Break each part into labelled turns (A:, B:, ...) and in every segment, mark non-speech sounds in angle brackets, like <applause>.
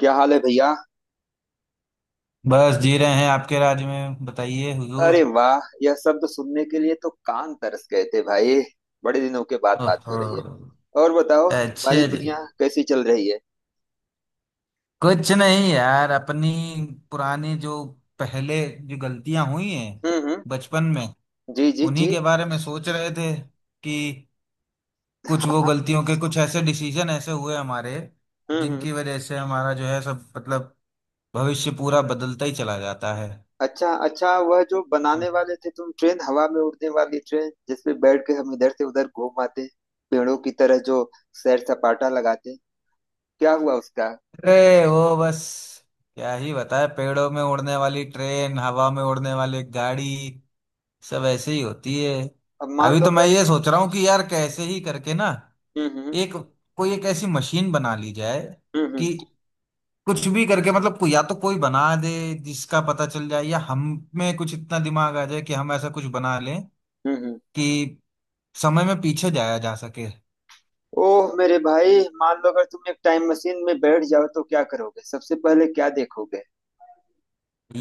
A: क्या हाल है भैया।
B: बस जी रहे हैं आपके राज में। बताइए हुजूर।
A: अरे वाह, यह शब्द सुनने के लिए तो कान तरस गए थे भाई। बड़े दिनों के बाद बात हो
B: ओहो।
A: रही है। और बताओ, तुम्हारी
B: अच्छा जी।
A: दुनिया कैसी चल रही है।
B: कुछ नहीं यार, अपनी पुरानी जो पहले जो गलतियां हुई हैं
A: हम्म।
B: बचपन में
A: जी जी
B: उन्हीं
A: जी।
B: के बारे में सोच रहे थे कि कुछ
A: हाँ
B: वो
A: हाँ,
B: गलतियों के, कुछ ऐसे डिसीजन ऐसे हुए हमारे
A: हम्म।
B: जिनकी वजह से हमारा जो है सब मतलब भविष्य पूरा बदलता ही चला जाता है।
A: अच्छा अच्छा, वह जो बनाने वाले थे तुम ट्रेन, हवा में उड़ने वाली ट्रेन जिसपे बैठ के हम इधर से उधर घूम आते हैं, पेड़ों की तरह जो सैर सपाटा लगाते हैं, क्या हुआ उसका।
B: अरे वो बस क्या ही बताए, पेड़ों में उड़ने वाली ट्रेन, हवा में उड़ने वाली गाड़ी, सब ऐसे ही होती है।
A: अब मान
B: अभी
A: लो
B: तो मैं
A: अगर।
B: ये सोच रहा हूँ कि यार कैसे ही करके ना
A: हम्म हम्म
B: एक कोई एक ऐसी मशीन बना ली जाए
A: हम्म हम्म
B: कि कुछ भी करके मतलब या तो कोई बना दे जिसका पता चल जाए, या हम में कुछ इतना दिमाग आ जाए कि हम ऐसा कुछ बना लें
A: हम्म हम्म।
B: कि समय में पीछे जाया जा सके।
A: ओह मेरे भाई, मान लो अगर तुम एक टाइम मशीन में बैठ जाओ तो क्या करोगे, सबसे पहले क्या देखोगे।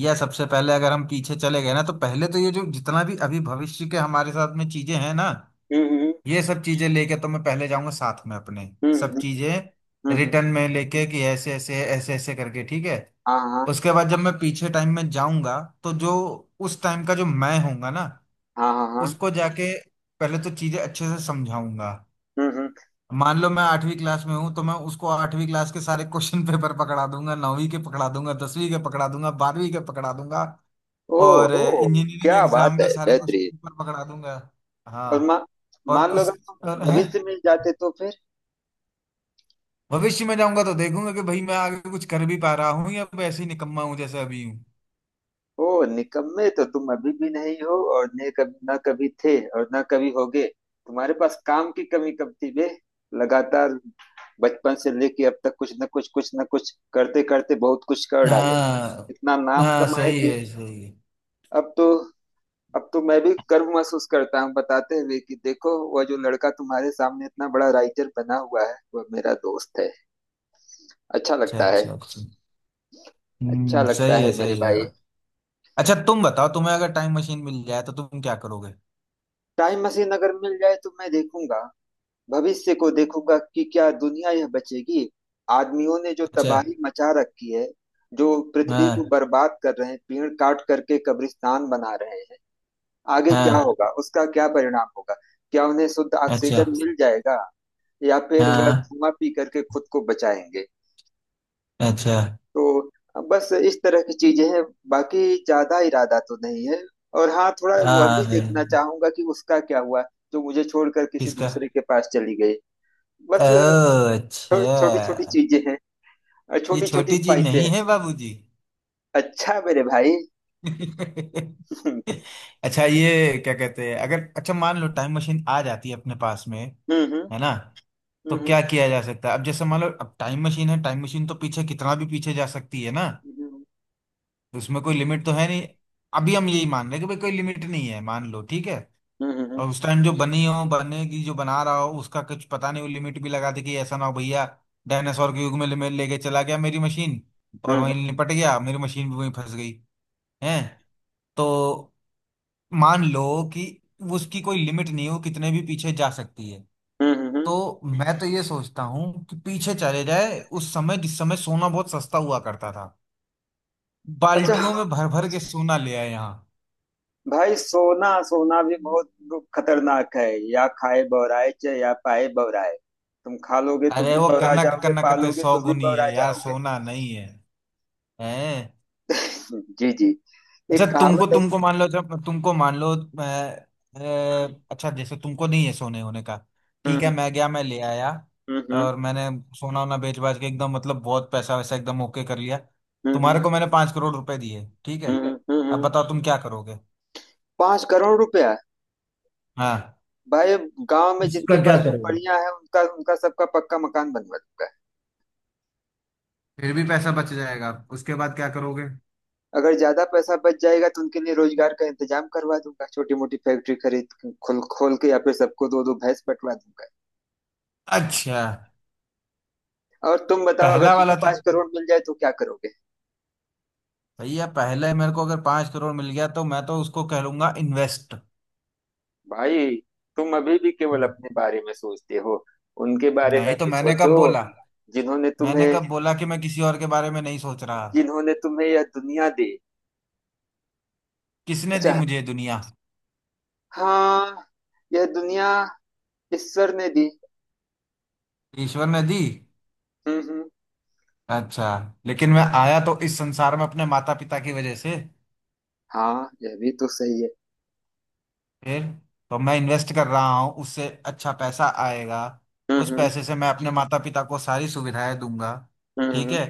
B: या सबसे पहले अगर हम पीछे चले गए ना तो पहले तो ये जो जितना भी अभी भविष्य के हमारे साथ में चीजें हैं ना,
A: हम्म।
B: ये सब चीजें लेके तो मैं पहले जाऊंगा साथ में अपने,
A: हम्म,
B: सब
A: हम्म
B: चीजें
A: हम्म,
B: रिटर्न में लेके कि ऐसे ऐसे ऐसे ऐसे करके, ठीक है।
A: हाँ हाँ
B: उसके बाद जब मैं पीछे टाइम में जाऊंगा तो जो उस टाइम का जो मैं होऊंगा ना,
A: हाँ। हाँ हाँ।
B: उसको जाके पहले तो चीजें अच्छे से समझाऊंगा।
A: हम्म।
B: मान लो मैं आठवीं क्लास में हूं तो मैं उसको आठवीं क्लास के सारे क्वेश्चन <laughs> पेपर पकड़ा दूंगा, नौवीं के पकड़ा दूंगा, 10वीं के पकड़ा दूंगा, 12वीं के पकड़ा दूंगा और
A: ओह ओह,
B: इंजीनियरिंग
A: क्या
B: एग्जाम
A: बात
B: के
A: है,
B: सारे क्वेश्चन
A: बेहतरीन।
B: पेपर पकड़ा दूंगा।
A: और मा,
B: हाँ। और
A: मान लो
B: उस
A: अगर तुम
B: और है
A: भविष्य में जाते तो फिर।
B: भविष्य में जाऊंगा तो देखूंगा कि भाई मैं आगे कुछ कर भी पा रहा हूँ या वैसे ही निकम्मा हूँ जैसा अभी हूँ।
A: ओह, निकम्मे तो तुम अभी भी नहीं हो और ने कभी ना कभी थे और ना कभी होगे। तुम्हारे पास काम की कमी कब थी बे। लगातार बचपन से लेके अब तक कुछ न कुछ करते करते बहुत कुछ कर डाले।
B: हाँ
A: इतना नाम
B: हाँ,
A: कमाए। हाँ
B: सही
A: कि
B: है सही है।
A: अब तो, अब तो मैं भी गर्व महसूस करता हूँ बताते हुए कि देखो, वह जो लड़का तुम्हारे सामने इतना बड़ा राइटर बना हुआ है वह मेरा दोस्त है। अच्छा
B: अच्छा
A: लगता है।
B: अच्छा अच्छा।
A: अच्छा
B: हम्म,
A: लगता
B: सही है
A: है मेरे
B: सही है।
A: भाई।
B: अच्छा, तुम बताओ, तुम्हें अगर टाइम मशीन मिल जाए तो तुम क्या करोगे?
A: टाइम मशीन अगर मिल जाए तो मैं देखूंगा। भविष्य को देखूंगा कि क्या दुनिया यह बचेगी। आदमियों ने जो
B: अच्छा।
A: तबाही मचा रखी है, जो पृथ्वी को
B: हाँ
A: बर्बाद कर रहे हैं, पेड़ काट करके कब्रिस्तान बना रहे हैं। आगे क्या
B: हाँ।
A: होगा, उसका क्या परिणाम होगा। क्या उन्हें शुद्ध
B: अच्छा।
A: ऑक्सीजन मिल जाएगा, या फिर वह
B: हाँ।
A: धुआं पी करके खुद को बचाएंगे।
B: अच्छा।
A: तो बस इस तरह की चीजें हैं। बाकी ज्यादा इरादा तो नहीं है। और हाँ, थोड़ा वह
B: हाँ
A: भी देखना
B: नहीं,
A: चाहूंगा कि उसका क्या हुआ, जो मुझे छोड़कर किसी
B: किसका?
A: दूसरे के पास चली गई।
B: ओ,
A: बस।
B: अच्छा।
A: छोटी छोटी चीजें हैं और
B: ये
A: छोटी छोटी
B: छोटी चीज
A: ख्वाहिशें
B: नहीं
A: हैं।
B: है बाबूजी।
A: अच्छा मेरे भाई।
B: <laughs>
A: <laughs> हम्म
B: अच्छा, ये क्या कहते हैं, अगर, अच्छा मान लो टाइम मशीन आ जाती है अपने पास में,
A: हम्म
B: है ना? तो क्या किया जा सकता है? अब जैसे मान लो अब टाइम मशीन है, टाइम मशीन तो पीछे, कितना भी पीछे जा सकती है ना,
A: हम्म
B: तो उसमें कोई लिमिट तो है नहीं। अभी हम यही मान रहे हैं कि भाई कोई लिमिट नहीं है, मान लो ठीक है।
A: हम्म हम्म हम्म हम्म
B: और उस टाइम जो बनी हो बनेगी, जो बना रहा हो उसका कुछ पता नहीं, वो लिमिट भी लगा दे कि ऐसा ना हो भैया डायनासोर के युग में ले लेके चला गया मेरी मशीन,
A: हम्म
B: और
A: हम्म,
B: वहीं निपट गया, मेरी मशीन भी वहीं फंस गई है। तो मान लो कि उसकी कोई लिमिट नहीं हो, कितने भी पीछे जा सकती है।
A: हम्म, हम्म।
B: तो मैं तो ये सोचता हूँ कि पीछे चले जाए उस समय, जिस समय सोना बहुत सस्ता हुआ करता था,
A: अच्छा।
B: बाल्टियों में भर भर के सोना ले आए यहाँ।
A: भाई सोना, सोना भी बहुत खतरनाक है। या खाए बौराए चे या पाए बौराए। तुम खा लोगे तो
B: अरे
A: भी
B: वो
A: बौरा
B: कनक
A: जाओगे,
B: कनक ते
A: पालोगे तो भी
B: सौगुनी
A: बौरा
B: है यार,
A: जाओगे।
B: सोना नहीं है। हैं।
A: जी जी।
B: अच्छा
A: एक
B: तुमको,
A: कहावत है।
B: तुमको मान लो, जब तुमको मान लो अच्छा जैसे तुमको नहीं है सोने होने का, ठीक है,
A: हम्म
B: मैं गया, मैं ले आया
A: हम्म
B: और मैंने सोना वोना बेच बाच के एकदम मतलब बहुत पैसा वैसा एकदम ओके कर लिया।
A: हम्म
B: तुम्हारे को मैंने 5 करोड़ रुपए दिए, ठीक है, अब
A: हम्म।
B: बताओ तुम क्या करोगे।
A: 5 करोड़ रुपया।
B: हाँ।
A: भाई, गांव में जिनके
B: उसका क्या
A: पास
B: करोगे?
A: झोपड़ियां हैं उनका उनका सबका पक्का मकान बनवा दूंगा।
B: फिर भी पैसा बच जाएगा, उसके बाद क्या करोगे?
A: अगर ज्यादा पैसा बच जाएगा तो उनके लिए रोजगार का इंतजाम करवा दूंगा, छोटी मोटी फैक्ट्री खरीद खोल खोल के या फिर सबको दो दो भैंस बंटवा दूंगा।
B: अच्छा।
A: और तुम बताओ, अगर
B: पहला वाला
A: तुम्हें
B: तो
A: 5 करोड़ मिल जाए तो क्या करोगे।
B: भैया, पहले मेरे को अगर 5 करोड़ मिल गया तो मैं तो उसको कह लूंगा इन्वेस्ट।
A: भाई तुम अभी भी केवल
B: हम्म।
A: अपने बारे में सोचते हो। उनके बारे में
B: नहीं तो,
A: भी
B: मैंने
A: सोचो,
B: कब बोला?
A: जिन्होंने
B: मैंने
A: तुम्हें,
B: कब बोला कि मैं किसी और के बारे में नहीं सोच रहा?
A: जिन्होंने तुम्हें यह दुनिया दी।
B: किसने दी
A: अच्छा।
B: मुझे ये दुनिया?
A: हाँ, यह दुनिया ईश्वर ने दी।
B: ईश्वर ने दी?
A: हम्म।
B: अच्छा। लेकिन मैं आया तो इस संसार में अपने माता पिता की वजह से।
A: हाँ, यह भी तो सही है।
B: फिर, तो मैं इन्वेस्ट कर रहा हूँ, उससे अच्छा पैसा आएगा। उस
A: हम्म।
B: पैसे से मैं अपने माता पिता को सारी सुविधाएं दूंगा,
A: हम्म
B: ठीक
A: हम्म
B: है।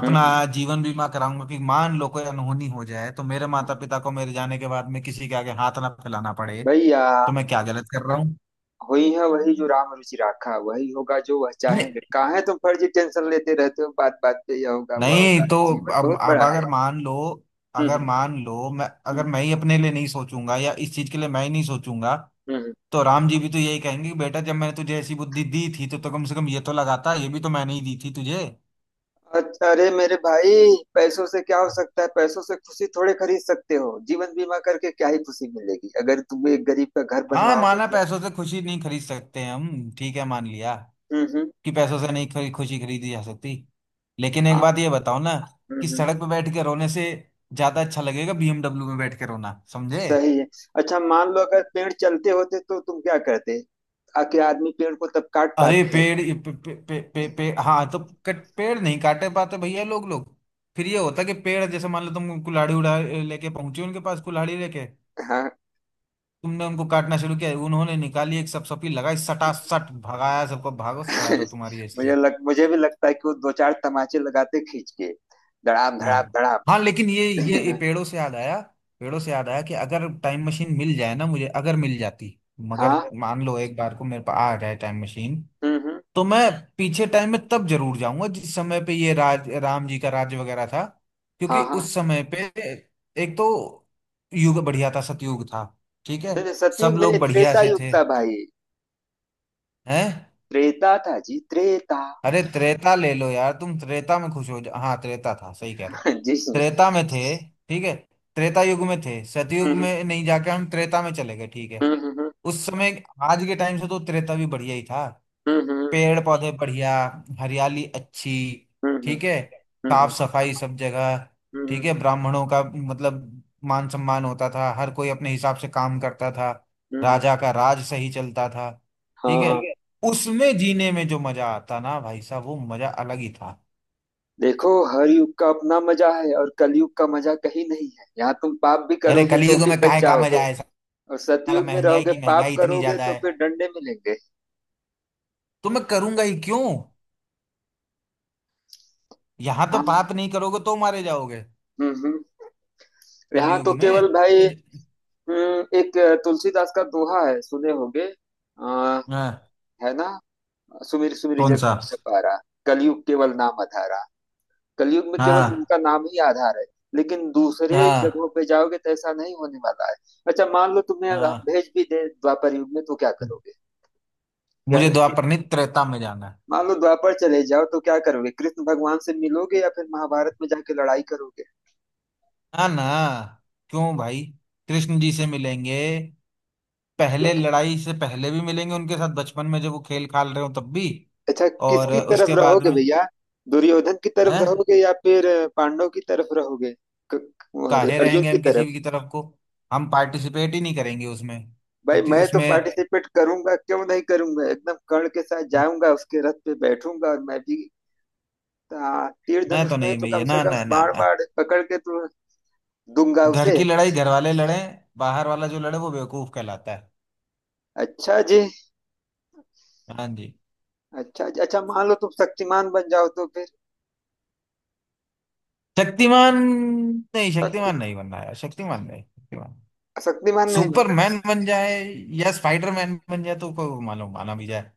B: अपना
A: हम्म।
B: जीवन बीमा कराऊंगा कि मान लो कोई अनहोनी हो जाए तो मेरे माता पिता को मेरे जाने के बाद में किसी के आगे हाथ ना फैलाना पड़े।
A: भैया,
B: तो मैं क्या गलत कर रहा हूँ?
A: हुई है वही जो राम रुचि राखा, वही होगा जो वह चाहेंगे। कहाँ है तुम फर्जी टेंशन लेते रहते हो, बात बात पे यह होगा वह होगा,
B: नहीं तो।
A: जीवन
B: अब
A: बहुत
B: अब
A: बड़ा है।
B: अगर मान लो,
A: हम्म हम्म।
B: मैं, अगर मैं
A: हम्म
B: ही अपने लिए नहीं सोचूंगा, या इस चीज के लिए मैं ही नहीं सोचूंगा,
A: हम्म,
B: तो राम जी भी तो यही कहेंगे कि बेटा जब मैंने तुझे ऐसी बुद्धि दी थी तो कम से कम ये तो लगाता, ये भी तो मैंने ही दी थी तुझे।
A: अ- अरे मेरे भाई, पैसों से क्या हो सकता है, पैसों से खुशी थोड़े खरीद सकते हो। जीवन बीमा करके क्या ही खुशी मिलेगी अगर तुम एक गरीब का घर
B: हाँ,
A: बनवाओगे
B: माना
A: तो।
B: पैसों से खुशी नहीं खरीद सकते हम, ठीक है मान लिया
A: हम्म, हम्म,
B: कि पैसों से नहीं खुशी खरीदी जा सकती, लेकिन एक
A: हाँ।
B: बात ये बताओ ना,
A: हम्म,
B: कि
A: हम्म,
B: सड़क पे बैठ के रोने से ज्यादा अच्छा लगेगा बीएमडब्ल्यू में बैठ के रोना, समझे?
A: सही है। अच्छा मान लो अगर पेड़ चलते होते तो तुम क्या करते, आके आदमी पेड़ को तब काट
B: अरे
A: पाते हैं?
B: पेड़ ये पे, पे, पे, पे, पे, हाँ तो, कट पेड़ नहीं काटे पाते भैया, लोग लोग फिर ये होता कि पेड़ जैसे मान लो तुम कुल्हाड़ी उड़ा लेके पहुंचे उनके पास, कुल्हाड़ी लेके
A: हाँ।
B: तुमने उनको काटना शुरू किया, उन्होंने निकाली एक सपसपी लगाई सटासट, भगाया सबको, भागो सैर हो
A: <laughs>
B: तुम्हारी ऐसे ही।
A: मुझे भी लगता है कि वो दो चार तमाचे लगाते खींच के धड़ाम
B: हाँ।
A: धड़ाम
B: हाँ लेकिन ये
A: धड़ाम। <laughs>
B: पेड़ों से याद आया, पेड़ों से याद आया कि अगर टाइम मशीन मिल जाए ना मुझे, अगर मिल जाती, मगर
A: हाँ।
B: मान लो एक बार को मेरे पास आ जाए टाइम मशीन,
A: हम्म, हम्म।
B: तो मैं पीछे टाइम में तब जरूर जाऊंगा जिस समय पे ये राज राम जी का राज्य वगैरह था,
A: हाँ
B: क्योंकि
A: हाँ।
B: उस समय पे एक तो युग बढ़िया था, सतयुग था, ठीक है,
A: नहीं नहीं,
B: सब
A: सतयुग
B: लोग
A: नहीं,
B: बढ़िया
A: त्रेता
B: से
A: युग
B: थे।
A: था भाई।
B: हैं।
A: त्रेता <laughs> था जी, त्रेता।
B: अरे त्रेता ले लो यार तुम, त्रेता में खुश हो जा, हाँ त्रेता था, सही कह रहे हो।
A: <laughs> जी।
B: त्रेता में थे, ठीक है, त्रेता युग में थे, सतयुग
A: हम्म,
B: में नहीं, जाके हम त्रेता में चले गए, ठीक है।
A: हम्म, हम्म,
B: उस समय, आज के टाइम से तो त्रेता भी बढ़िया ही था,
A: हम्म,
B: पेड़ पौधे बढ़िया, हरियाली अच्छी,
A: हम्म,
B: ठीक है, साफ सफाई सब जगह,
A: हम्म,
B: ठीक है, ब्राह्मणों का मतलब मान सम्मान होता था, हर कोई अपने हिसाब से काम करता था,
A: हम्म,
B: राजा का राज सही चलता था,
A: हाँ
B: ठीक है,
A: हाँ, ठीक है।
B: उसमें जीने में जो मजा आता ना भाई साहब, वो मजा अलग ही था।
A: देखो, हर युग का अपना मजा है और कलयुग का मजा कहीं नहीं है। यहाँ तुम पाप भी
B: अरे
A: करोगे तो
B: कलयुग
A: भी
B: में
A: बच
B: काहे का मजा
A: जाओगे,
B: है,
A: और
B: साला
A: सतयुग में
B: महंगाई
A: रहोगे
B: की,
A: पाप
B: महंगाई इतनी
A: करोगे
B: ज्यादा
A: तो
B: है,
A: फिर डंडे मिलेंगे।
B: तो मैं करूंगा ही क्यों, यहाँ तो
A: हाँ।
B: पाप नहीं करोगे तो मारे जाओगे
A: हम्म। यहाँ
B: कलयुग
A: तो केवल
B: में।
A: भाई, एक तुलसीदास का दोहा है, सुने होगे। आ,
B: हाँ।
A: है ना। सुमिर सुमिर
B: कौन
A: जग
B: सा?
A: में पारा, कलयुग केवल नाम अधारा। कलयुग में केवल
B: हाँ
A: उनका नाम ही आधार है। लेकिन दूसरे
B: हाँ
A: जगहों पे जाओगे तो ऐसा नहीं होने वाला है। अच्छा मान लो तुम्हें हम
B: हाँ।
A: भेज भी दे द्वापर युग में, तो क्या करोगे। या
B: मुझे द्वापरनी त्रेता में जाना है।
A: मान लो द्वापर चले जाओ तो क्या करोगे, कृष्ण भगवान से मिलोगे या फिर महाभारत में जाके लड़ाई करोगे।
B: हाँ ना, क्यों भाई, कृष्ण जी से मिलेंगे, पहले लड़ाई से पहले भी मिलेंगे उनके साथ बचपन में जब वो खेल खाल रहे हो तब भी,
A: अच्छा,
B: और
A: किसकी तरफ
B: उसके बाद
A: रहोगे
B: में
A: भैया, दुर्योधन की
B: है।
A: तरफ रहोगे या फिर पांडव की तरफ रहोगे। अरे
B: काहे
A: अर्जुन
B: रहेंगे
A: की
B: हम किसी
A: तरफ।
B: भी की तरफ को, हम पार्टिसिपेट ही नहीं करेंगे उसमें।
A: भाई
B: प्रति
A: मैं तो
B: उसमें
A: पार्टिसिपेट करूंगा, क्यों नहीं करूंगा, एकदम कर्ण के साथ जाऊंगा, उसके रथ पे बैठूंगा और मैं भी हाँ, तीर
B: मैं
A: धनुष
B: तो
A: नहीं
B: नहीं
A: तो कम
B: भैया,
A: से
B: ना
A: कम
B: ना ना
A: बाण
B: ना,
A: बाण पकड़ के तो दूंगा
B: घर
A: उसे।
B: की लड़ाई घर वाले लड़े, बाहर वाला जो लड़े वो बेवकूफ कहलाता है।
A: अच्छा जी।
B: हाँ जी।
A: अच्छा जी, अच्छा मान लो तुम शक्तिमान बन जाओ तो फिर।
B: शक्तिमान? नहीं
A: शक्ति,
B: शक्तिमान नहीं बनना यार, शक्तिमान नहीं, शक्तिमान,
A: शक्तिमान नहीं बनना।
B: सुपरमैन बन जाए या स्पाइडरमैन बन जाए तो कोई मालूम माना भी जाए।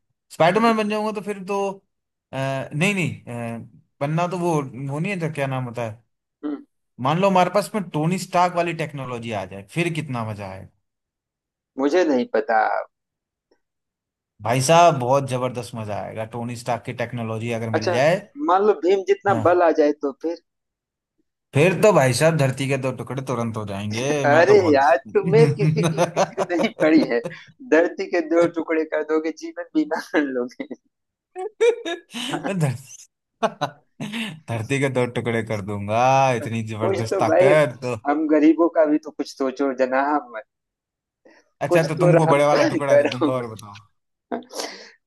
A: हम्म,
B: स्पाइडरमैन बन जाऊंगा तो फिर तो अ, नहीं नहीं, बनना तो वो नहीं है तो क्या नाम होता है,
A: हम्म,
B: मान लो हमारे पास में टोनी स्टार्क वाली टेक्नोलॉजी आ जाए फिर कितना मजा आएगा।
A: मुझे नहीं पता।
B: भाई साहब बहुत जबरदस्त मजा आएगा टोनी स्टार्क की टेक्नोलॉजी अगर मिल
A: अच्छा
B: जाए।
A: मान लो भीम जितना
B: हाँ,
A: बल आ जाए तो फिर।
B: फिर तो भाई साहब धरती के दो टुकड़े तुरंत हो जाएंगे, मैं
A: अरे
B: तो बहुत
A: यार, तुम्हें किसी की फिक्र नहीं पड़ी है, धरती के दो
B: <laughs>
A: टुकड़े कर दोगे, जीवन बीमा कर लोगे।
B: धर- <laughs> धरती के दो टुकड़े कर दूंगा, इतनी
A: कुछ
B: जबरदस्त
A: तो भाई,
B: ताकत।
A: हम गरीबों का भी तो कुछ सोचो जनाब।
B: अच्छा,
A: कुछ
B: तो
A: तो
B: तुमको
A: रहम
B: बड़े वाला टुकड़ा दे
A: करो।
B: दूंगा, और बताओ।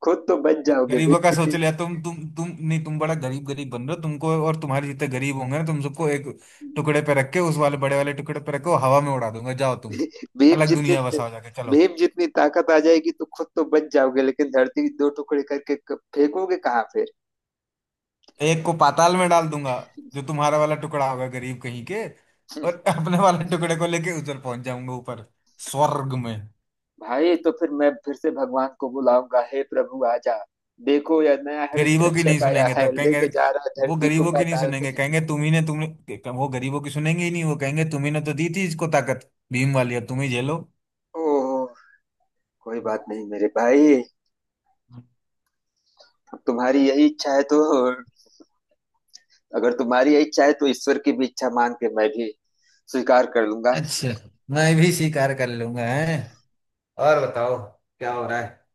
A: खुद तो बच जाओगे
B: गरीबों का सोच लिया, तुम नहीं, तुम बड़ा गरीब गरीब बन रहे हो, तुमको और तुम्हारे जितने गरीब होंगे ना, तुम सबको एक टुकड़े पे रख के, उस वाले बड़े वाले टुकड़े पे रखो, हवा में उड़ा दूंगा, जाओ तुम
A: भीम
B: अलग दुनिया
A: जितनी
B: बसाओ जाके, चलो।
A: भीम जितनी ताकत आ जाएगी तो खुद तो बच जाओगे, लेकिन धरती दो टुकड़े करके फेंकोगे कहाँ फिर।
B: एक को पाताल में डाल दूंगा, जो तुम्हारा वाला टुकड़ा होगा गरीब कहीं के, और अपने वाले टुकड़े को लेके उधर पहुंच जाऊंगा ऊपर, स्वर्ग में।
A: भाई तो फिर मैं फिर से भगवान को बुलाऊंगा, हे प्रभु आजा, देखो यह नया हर
B: गरीबों की नहीं
A: कश्यप आया
B: सुनेंगे
A: है,
B: तब कहेंगे,
A: लेके जा रहा है
B: वो
A: धरती को
B: गरीबों की नहीं
A: पाताल
B: सुनेंगे,
A: में।
B: कहेंगे तुम ही ने तुम, वो गरीबों की सुनेंगे ही नहीं, वो कहेंगे तुम ही ने तो दी थी इसको ताकत भीम वाली, अब तुम ही झेलो।
A: ओह, कोई बात नहीं मेरे भाई। अब तुम्हारी यही इच्छा है तो, अगर तुम्हारी यही इच्छा है तो ईश्वर की भी इच्छा मान के मैं भी स्वीकार कर लूंगा।
B: अच्छा। मैं भी स्वीकार कर लूंगा है। और बताओ, क्या हो रहा है?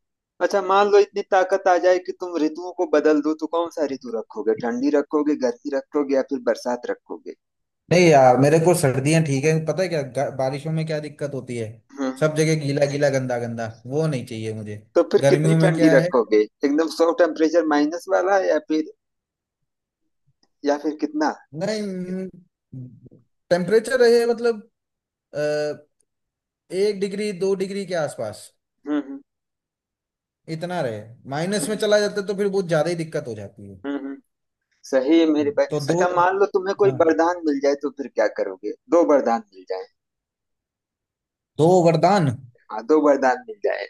A: अच्छा मान लो इतनी ताकत आ जाए कि तुम ऋतुओं को बदल दो, तो कौन सा ऋतु रखोगे, ठंडी रखोगे, गर्मी रखोगे या फिर बरसात रखोगे।
B: नहीं यार मेरे को सर्दियां ठीक है, पता है क्या बारिशों में क्या दिक्कत होती है,
A: हम्म।
B: सब जगह गीला गीला गंदा गंदा, वो नहीं चाहिए मुझे।
A: तो फिर कितनी
B: गर्मियों में
A: ठंडी
B: क्या है?
A: रखोगे, एकदम सौ टेम्परेचर माइनस वाला, या फिर, या फिर कितना।
B: नहीं टेम्परेचर रहे मतलब अ, 1 डिग्री 2 डिग्री के आसपास
A: हम्म।
B: इतना रहे, माइनस में चला जाता है तो फिर बहुत ज्यादा ही दिक्कत हो जाती है।
A: हम्म हम्म, सही है मेरे भाई।
B: तो दो?
A: अच्छा मान लो तुम्हें कोई
B: हाँ,
A: वरदान मिल जाए तो फिर क्या करोगे, दो वरदान मिल जाए।
B: दो वरदान।
A: हाँ दो वरदान मिल जाए।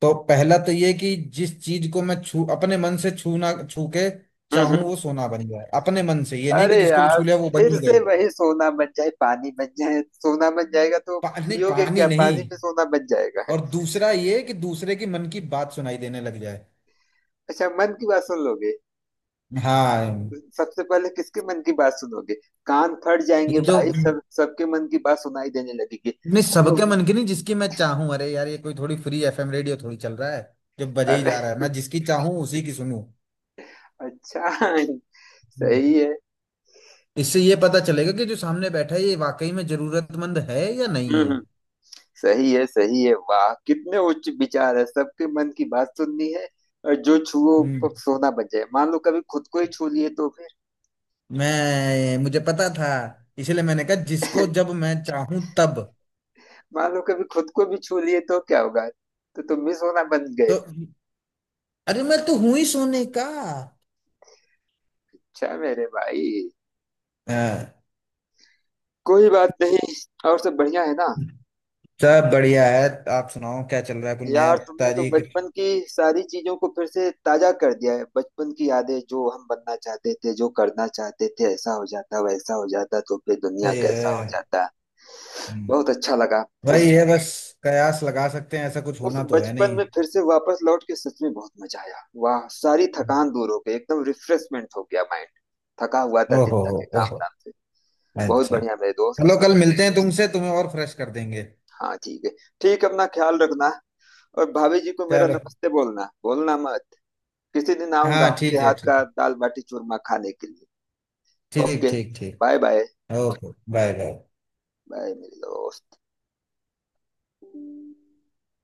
B: तो पहला तो ये कि जिस चीज को मैं छू अपने मन से, छूना, छू के
A: हम्म
B: चाहूं
A: हम्म।
B: वो सोना बन जाए, अपने मन से, ये नहीं
A: अरे
B: कि जिसको भी
A: यार,
B: छू लिया वो बन
A: फिर
B: ही
A: से
B: गई।
A: वही, सोना बन जाए, पानी बन जाए, सोना बन जाएगा तो
B: पानी,
A: पियोगे
B: पानी
A: क्या,
B: नहीं।
A: पानी में सोना बन जाएगा।
B: और दूसरा ये कि दूसरे के मन की बात सुनाई देने लग जाए।
A: अच्छा मन की बात सुन लोगे।
B: हाँ।
A: सबसे पहले किसके मन की बात सुनोगे, कान फट जाएंगे
B: ये जो
A: भाई, सब सबके मन की बात सुनाई देने लगेगी।
B: नहीं
A: हेलो।
B: सबके मन की नहीं, जिसकी मैं चाहूं, अरे यार ये कोई थोड़ी फ्री एफएम रेडियो थोड़ी चल रहा है जो बजे ही
A: अरे,
B: जा रहा है, मैं जिसकी चाहूं उसी की सुनूं,
A: अच्छा, सही है।
B: इससे ये पता चलेगा कि जो सामने बैठा है ये वाकई में जरूरतमंद है या
A: हम्म
B: नहीं है।
A: हम्म, सही है सही है, वाह कितने उच्च विचार है, सबके मन की बात सुननी है। और जो छुओ
B: हम्म।
A: सोना बन जाए, मान लो कभी खुद को ही छू लिए तो फिर।
B: मैं मुझे पता था, इसलिए मैंने कहा जिसको जब मैं चाहूं तब।
A: <laughs> मान लो कभी खुद को भी छू लिए तो क्या होगा, तो तुम भी सोना बन गए।
B: तो अरे मैं तो हूं ही सोने का।
A: अच्छा मेरे भाई,
B: हाँ,
A: कोई बात नहीं। और सब बढ़िया है ना।
B: सब बढ़िया है। आप सुनाओ क्या चल रहा है, कोई नया
A: यार तुमने तो
B: ताजी कुछ?
A: बचपन की सारी चीजों को फिर से ताजा कर दिया है, बचपन की यादें, जो हम बनना चाहते थे, जो करना चाहते थे, ऐसा हो जाता वैसा हो जाता तो फिर दुनिया
B: सही है।
A: कैसा हो जाता। बहुत
B: हम्म,
A: अच्छा लगा।
B: वही
A: उस
B: है बस, कयास लगा सकते हैं, ऐसा कुछ
A: उस
B: होना तो है
A: बचपन
B: नहीं।
A: में फिर से वापस लौट के सच में बहुत मजा आया, वाह सारी थकान दूर हो गई, एकदम रिफ्रेशमेंट हो गया माइंड, थका हुआ था दिन
B: ओहो।
A: भर के काम
B: ओहो।
A: धाम से। बहुत
B: अच्छा,
A: बढ़िया मेरे दोस्त।
B: चलो कल मिलते हैं तुमसे, तुम्हें और फ्रेश कर देंगे।
A: हाँ ठीक है। ठीक है, अपना ख्याल रखना, और भाभी जी को मेरा
B: चलो।
A: नमस्ते बोलना, बोलना मत। किसी दिन आऊंगा
B: हाँ
A: आपके
B: ठीक है,
A: हाथ
B: ठीक
A: का दाल बाटी चूरमा खाने के लिए।
B: ठीक
A: ओके।
B: ठीक
A: बाय
B: ठीक।
A: Bye.
B: Okay, bye bye.
A: Bye मेरे दोस्त।